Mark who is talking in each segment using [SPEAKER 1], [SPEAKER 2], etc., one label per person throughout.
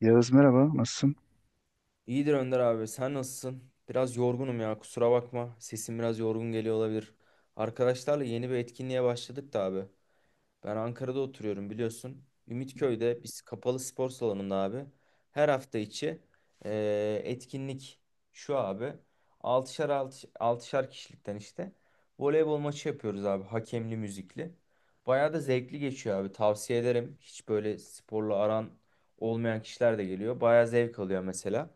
[SPEAKER 1] Yağız merhaba, nasılsın?
[SPEAKER 2] İyidir Önder abi. Sen nasılsın? Biraz yorgunum ya. Kusura bakma. Sesim biraz yorgun geliyor olabilir. Arkadaşlarla yeni bir etkinliğe başladık da abi. Ben Ankara'da oturuyorum biliyorsun. Ümitköy'de biz kapalı spor salonunda abi her hafta içi etkinlik şu abi. 6'şar 6'şar kişilikten işte voleybol maçı yapıyoruz abi hakemli müzikli. Bayağı da zevkli geçiyor abi tavsiye ederim. Hiç böyle sporla aran olmayan kişiler de geliyor. Bayağı zevk alıyor mesela.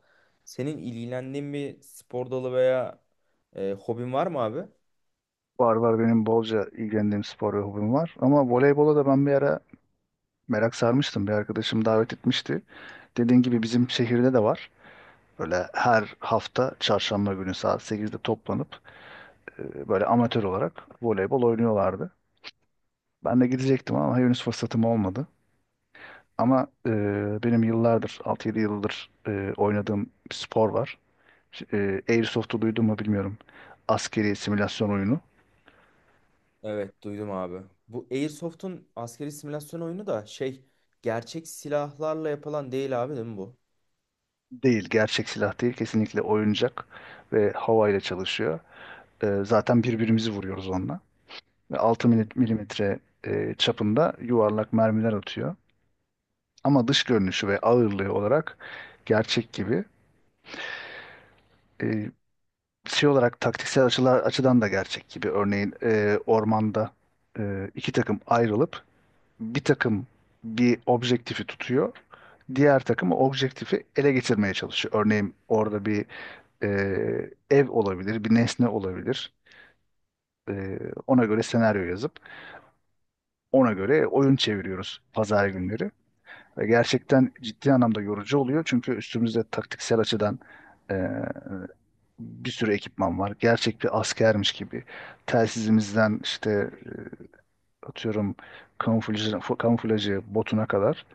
[SPEAKER 2] Senin ilgilendiğin bir spor dalı veya hobin var mı abi?
[SPEAKER 1] Var var benim bolca ilgilendiğim spor ve hobim var. Ama voleybola da ben bir ara merak sarmıştım. Bir arkadaşım davet etmişti. Dediğin gibi bizim şehirde de var. Böyle her hafta çarşamba günü saat 8'de toplanıp böyle amatör olarak voleybol oynuyorlardı. Ben de gidecektim ama henüz fırsatım olmadı. Ama benim yıllardır, 6-7 yıldır oynadığım bir spor var. Airsoft'u duydun mu bilmiyorum. Askeri simülasyon oyunu.
[SPEAKER 2] Evet duydum abi. Bu Airsoft'un askeri simülasyon oyunu da şey gerçek silahlarla yapılan değil abi değil mi bu?
[SPEAKER 1] Değil, gerçek silah değil. Kesinlikle oyuncak ve havayla çalışıyor. Zaten birbirimizi vuruyoruz onunla. Ve 6
[SPEAKER 2] Hı.
[SPEAKER 1] milimetre çapında yuvarlak mermiler atıyor. Ama dış görünüşü ve ağırlığı olarak gerçek gibi. Ee, şey olarak taktiksel açılar, açıdan da gerçek gibi. Örneğin ormanda iki takım ayrılıp bir takım bir objektifi tutuyor. Diğer takım o objektifi ele geçirmeye çalışıyor. Örneğin orada bir ev olabilir, bir nesne olabilir. Ee, ona göre senaryo yazıp ona göre oyun çeviriyoruz pazar günleri. Ve gerçekten ciddi anlamda yorucu oluyor çünkü üstümüzde taktiksel açıdan ee, bir sürü ekipman var. Gerçek bir askermiş gibi. Telsizimizden işte atıyorum kamuflajı botuna kadar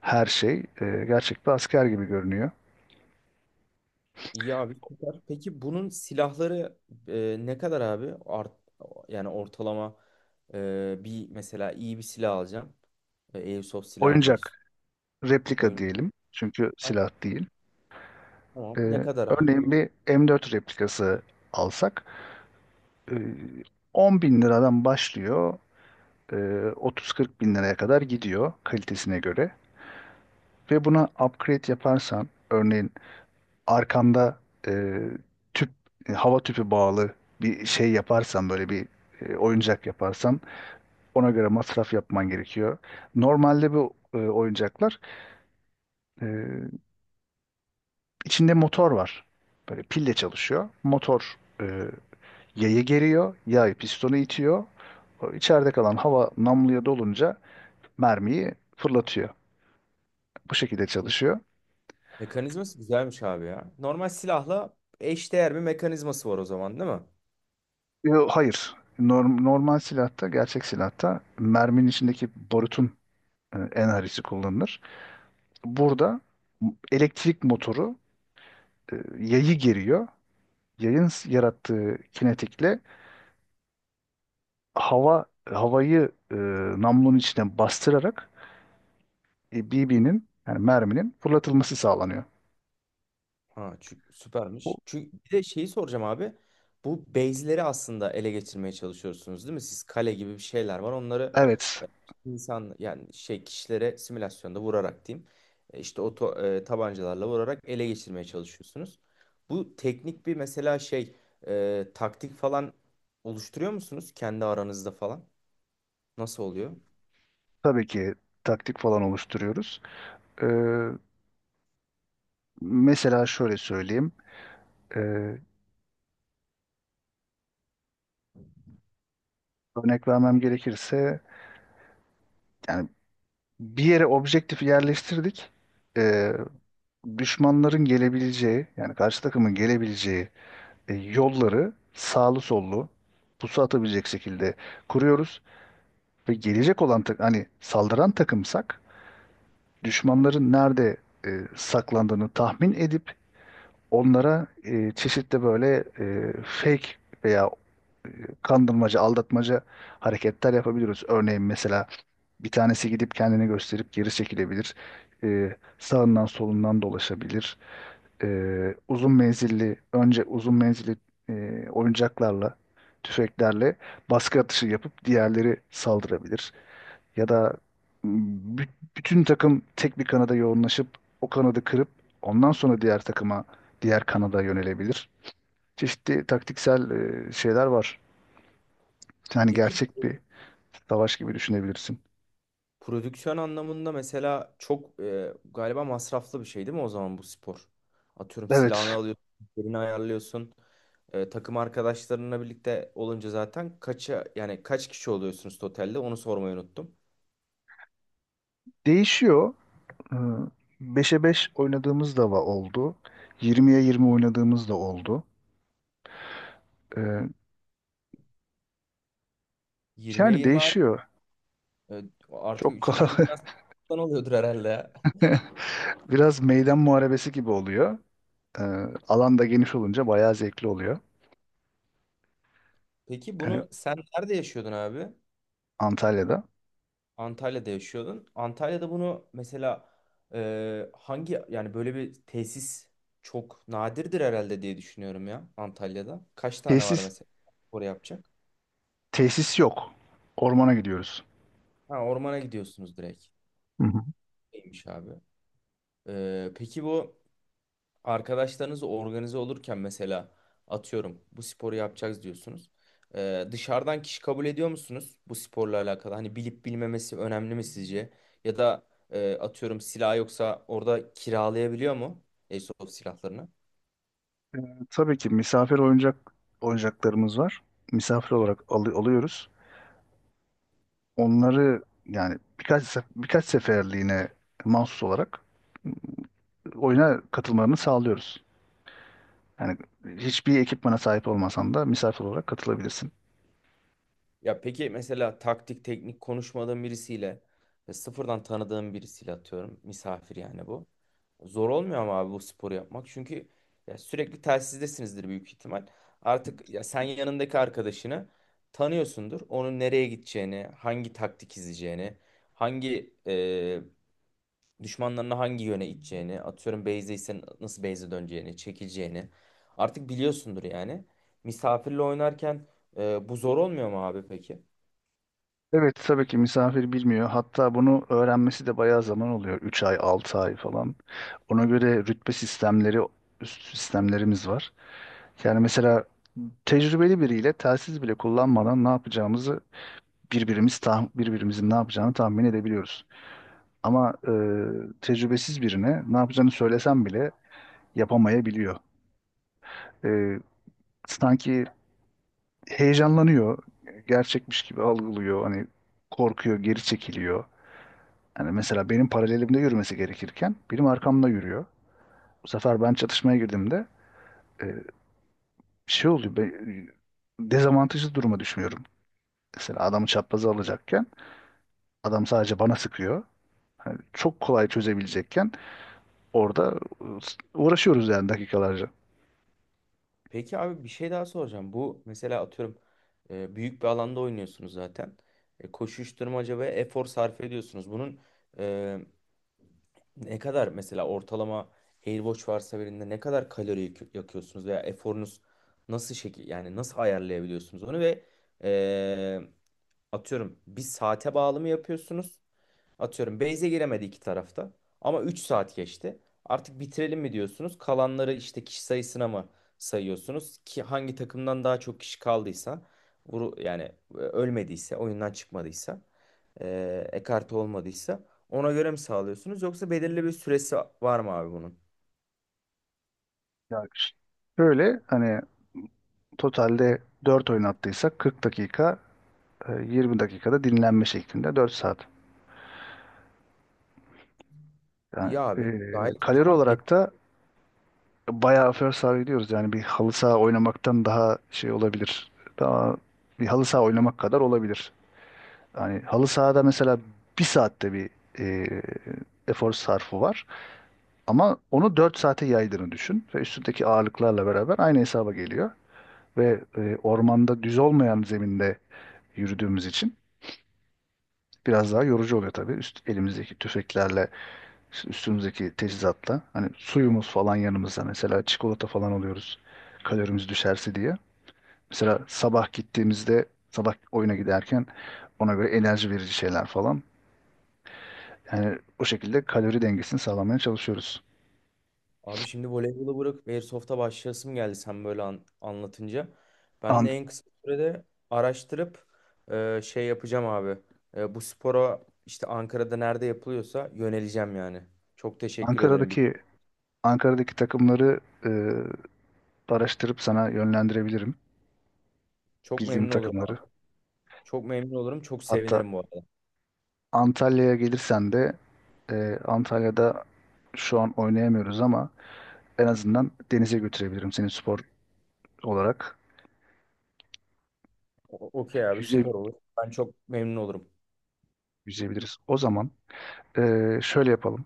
[SPEAKER 1] her şey gerçek bir asker gibi görünüyor.
[SPEAKER 2] İyi abi süper. Peki bunun silahları ne kadar abi? Yani ortalama bir mesela iyi bir silah alacağım. Airsoft silah almak
[SPEAKER 1] Oyuncak
[SPEAKER 2] istiyorum.
[SPEAKER 1] replika
[SPEAKER 2] Oyun.
[SPEAKER 1] diyelim çünkü
[SPEAKER 2] Ay,
[SPEAKER 1] silah değil.
[SPEAKER 2] Tamam. Ne
[SPEAKER 1] Ee,
[SPEAKER 2] kadar abi
[SPEAKER 1] örneğin
[SPEAKER 2] bu?
[SPEAKER 1] bir M4 replikası alsak e, 10 bin liradan başlıyor 30-40 bin liraya kadar gidiyor kalitesine göre ve buna upgrade yaparsan örneğin arkanda e, tüp hava tüpü bağlı bir şey yaparsan böyle bir oyuncak yaparsan ona göre masraf yapman gerekiyor. Normalde bu oyuncaklar e, içinde motor var. Böyle pille çalışıyor. Motor yayı geriyor, yay pistonu itiyor. O içeride kalan hava namluya dolunca mermiyi fırlatıyor. Bu şekilde
[SPEAKER 2] Hı.
[SPEAKER 1] çalışıyor.
[SPEAKER 2] Mekanizması güzelmiş abi ya. Normal silahla eşdeğer bir mekanizması var o zaman değil mi?
[SPEAKER 1] Yo, hayır. Normal silahta, gerçek silahta merminin içindeki barutun enerjisi kullanılır. Burada elektrik motoru yayı geriyor. Yayın yarattığı kinetikle havayı namlunun içine bastırarak BB'nin yani merminin fırlatılması sağlanıyor.
[SPEAKER 2] Ha, çünkü
[SPEAKER 1] Bu-
[SPEAKER 2] süpermiş. Çünkü bir de şeyi soracağım abi. Bu base'leri aslında ele geçirmeye çalışıyorsunuz değil mi? Siz kale gibi bir şeyler var. Onları
[SPEAKER 1] Evet,
[SPEAKER 2] insan yani şey kişilere simülasyonda vurarak diyeyim. İşte o tabancalarla vurarak ele geçirmeye çalışıyorsunuz. Bu teknik bir mesela şey taktik falan oluşturuyor musunuz kendi aranızda falan? Nasıl oluyor?
[SPEAKER 1] tabii ki taktik falan oluşturuyoruz. Ee, mesela şöyle söyleyeyim. Ee, örnek vermem gerekirse yani bir yere objektifi yerleştirdik. Ee, düşmanların gelebileceği yani karşı takımın gelebileceği yolları sağlı sollu pusu atabilecek şekilde kuruyoruz. Ve gelecek olan hani saldıran takımsak düşmanların nerede saklandığını tahmin edip onlara çeşitli böyle fake veya e, kandırmaca, aldatmaca hareketler yapabiliyoruz. Örneğin mesela bir tanesi gidip kendini gösterip geri çekilebilir. Sağından solundan dolaşabilir. E, uzun menzilli, oyuncaklarla, tüfeklerle baskı atışı yapıp diğerleri saldırabilir. Ya da bü- bütün takım tek bir kanada yoğunlaşıp o kanadı kırıp ondan sonra diğer takıma, diğer kanada yönelebilir. Çeşitli taktiksel şeyler var. Yani
[SPEAKER 2] Peki
[SPEAKER 1] gerçek bir savaş gibi düşünebilirsin.
[SPEAKER 2] prodüksiyon anlamında mesela çok galiba masraflı bir şey değil mi o zaman bu spor? Atıyorum silahını
[SPEAKER 1] Evet,
[SPEAKER 2] alıyorsun, yerini ayarlıyorsun. Takım arkadaşlarınla birlikte olunca zaten kaça yani kaç kişi oluyorsunuz totalde onu sormayı unuttum.
[SPEAKER 1] değişiyor. Ee, 5'e 5 oynadığımız da oldu. 20-20 oynadığımız da oldu. Ee,
[SPEAKER 2] 20'ye
[SPEAKER 1] yani
[SPEAKER 2] 20 abi.
[SPEAKER 1] değişiyor.
[SPEAKER 2] E, Artık
[SPEAKER 1] Çok
[SPEAKER 2] üçüncü
[SPEAKER 1] kala
[SPEAKER 2] Dünya Savaşı'ndan oluyordur herhalde ya.
[SPEAKER 1] biraz meydan muharebesi gibi oluyor. Ee, alan da geniş olunca bayağı zevkli oluyor.
[SPEAKER 2] Peki
[SPEAKER 1] Yani.
[SPEAKER 2] bunu sen nerede yaşıyordun abi?
[SPEAKER 1] Antalya'da.
[SPEAKER 2] Antalya'da yaşıyordun. Antalya'da bunu mesela hangi yani böyle bir tesis çok nadirdir herhalde diye düşünüyorum ya Antalya'da. Kaç tane var
[SPEAKER 1] Tesis
[SPEAKER 2] mesela oraya yapacak?
[SPEAKER 1] tesis yok. Ormana gidiyoruz.
[SPEAKER 2] Ha ormana gidiyorsunuz direkt.
[SPEAKER 1] Hı hı.
[SPEAKER 2] Neymiş abi? Peki bu arkadaşlarınız organize olurken mesela atıyorum bu sporu yapacağız diyorsunuz. Dışarıdan kişi kabul ediyor musunuz bu sporla alakalı? Hani bilip bilmemesi önemli mi sizce? Ya da atıyorum silah yoksa orada kiralayabiliyor mu Airsoft silahlarını?
[SPEAKER 1] Tabii ki misafir oyuncaklarımız var. Misafir olarak alıyoruz. Onları yani birkaç seferliğine mahsus olarak oyuna katılmalarını sağlıyoruz. Yani hiçbir ekipmana sahip olmasan da misafir olarak katılabilirsin.
[SPEAKER 2] Ya peki mesela taktik teknik konuşmadığın birisiyle ve sıfırdan tanıdığın birisiyle atıyorum misafir yani bu. Zor olmuyor ama abi bu sporu yapmak çünkü ya sürekli telsizdesinizdir büyük ihtimal. Artık ya sen yanındaki arkadaşını tanıyorsundur. Onun nereye gideceğini, hangi taktik izleyeceğini, hangi düşmanlarına hangi yöne iteceğini, atıyorum base'deysen nasıl base'e döneceğini, çekileceğini artık biliyorsundur yani. Misafirle oynarken bu zor olmuyor mu abi peki?
[SPEAKER 1] Evet tabii ki misafir bilmiyor. Hatta bunu öğrenmesi de bayağı zaman oluyor. 3 ay, 6 ay falan. Ona göre rütbe sistemleri, üst sistemlerimiz var. Yani mesela tecrübeli biriyle telsiz bile kullanmadan ne yapacağımızı birbirimizin ne yapacağını tahmin edebiliyoruz. Ama tecrübesiz birine ne yapacağını söylesem bile yapamayabiliyor. E, sanki heyecanlanıyor, gerçekmiş gibi algılıyor, hani korkuyor, geri çekiliyor. Yani mesela benim paralelimde yürümesi gerekirken benim arkamda yürüyor. Bu sefer ben çatışmaya girdiğimde e, şey oluyor, dezavantajlı duruma düşmüyorum. Mesela adamı çapraza alacakken adam sadece bana sıkıyor. Yani çok kolay çözebilecekken orada ıı, uğraşıyoruz yani dakikalarca.
[SPEAKER 2] Peki abi bir şey daha soracağım. Bu mesela atıyorum büyük bir alanda oynuyorsunuz zaten. Koşuşturmaca ve efor sarf ediyorsunuz. Bunun e, ne kadar mesela ortalama Airwatch varsa birinde ne kadar kalori yakıyorsunuz veya eforunuz nasıl şekil yani nasıl ayarlayabiliyorsunuz onu ve e, atıyorum bir saate bağlı mı yapıyorsunuz? Atıyorum base'e giremedi iki tarafta. Ama 3 saat geçti. Artık bitirelim mi diyorsunuz? Kalanları işte kişi sayısına mı sayıyorsunuz? Ki hangi takımdan daha çok kişi kaldıysa, vuru yani ölmediyse, oyundan çıkmadıysa, ekarte olmadıysa ona göre mi sağlıyorsunuz? Yoksa belirli bir süresi var mı abi bunun?
[SPEAKER 1] Yani şöyle hani totalde dört oyun oynattıysak 40 dakika, 20 dakikada dinlenme şeklinde 4 saat. Yani
[SPEAKER 2] İyi abi. Gayet o
[SPEAKER 1] kalori
[SPEAKER 2] zaman
[SPEAKER 1] olarak da bayağı first saha gidiyoruz. Yani bir halı saha oynamaktan daha şey olabilir. Daha bir halı saha oynamak kadar olabilir. Yani halı sahada mesela bir saatte bir e, efor sarfı var. Ama onu 4 saate yaydığını düşün ve üstündeki ağırlıklarla beraber aynı hesaba geliyor. Ve ormanda düz olmayan zeminde yürüdüğümüz için biraz daha yorucu oluyor tabii. Üst, elimizdeki tüfeklerle, üstümüzdeki teçhizatla. Hani suyumuz falan yanımızda mesela çikolata falan alıyoruz kalorimiz düşerse diye. Mesela sabah gittiğimizde, sabah oyuna giderken ona göre enerji verici şeyler falan. Yani o şekilde kalori dengesini sağlamaya çalışıyoruz.
[SPEAKER 2] abi şimdi voleybolu bırakıp Airsoft'a başlayasım geldi sen böyle anlatınca. Ben
[SPEAKER 1] An-
[SPEAKER 2] de en kısa sürede araştırıp şey yapacağım abi. Bu spora işte Ankara'da nerede yapılıyorsa yöneleceğim yani. Çok teşekkür ederim.
[SPEAKER 1] Ankara'daki Ankara'daki takımları e, araştırıp sana yönlendirebilirim
[SPEAKER 2] Çok
[SPEAKER 1] bildiğim
[SPEAKER 2] memnun olurum
[SPEAKER 1] takımları.
[SPEAKER 2] abi. Çok memnun olurum. Çok
[SPEAKER 1] Hatta
[SPEAKER 2] sevinirim bu arada.
[SPEAKER 1] Antalya'ya gelirsen de Antalya'da şu an oynayamıyoruz ama en azından denize götürebilirim seni spor olarak.
[SPEAKER 2] Okey abi
[SPEAKER 1] Yüze,
[SPEAKER 2] süper olur. Ben çok memnun olurum.
[SPEAKER 1] yüzebiliriz. O zaman e, şöyle yapalım.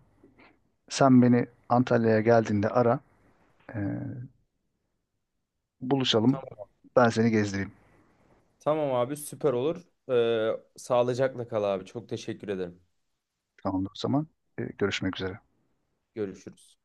[SPEAKER 1] Sen beni Antalya'ya geldiğinde ara, e, buluşalım.
[SPEAKER 2] Tamam,
[SPEAKER 1] Ben seni gezdireyim.
[SPEAKER 2] tamam abi süper olur. Sağlıcakla kal abi. Çok teşekkür ederim.
[SPEAKER 1] Tamamdır o zaman. Görüşmek üzere.
[SPEAKER 2] Görüşürüz.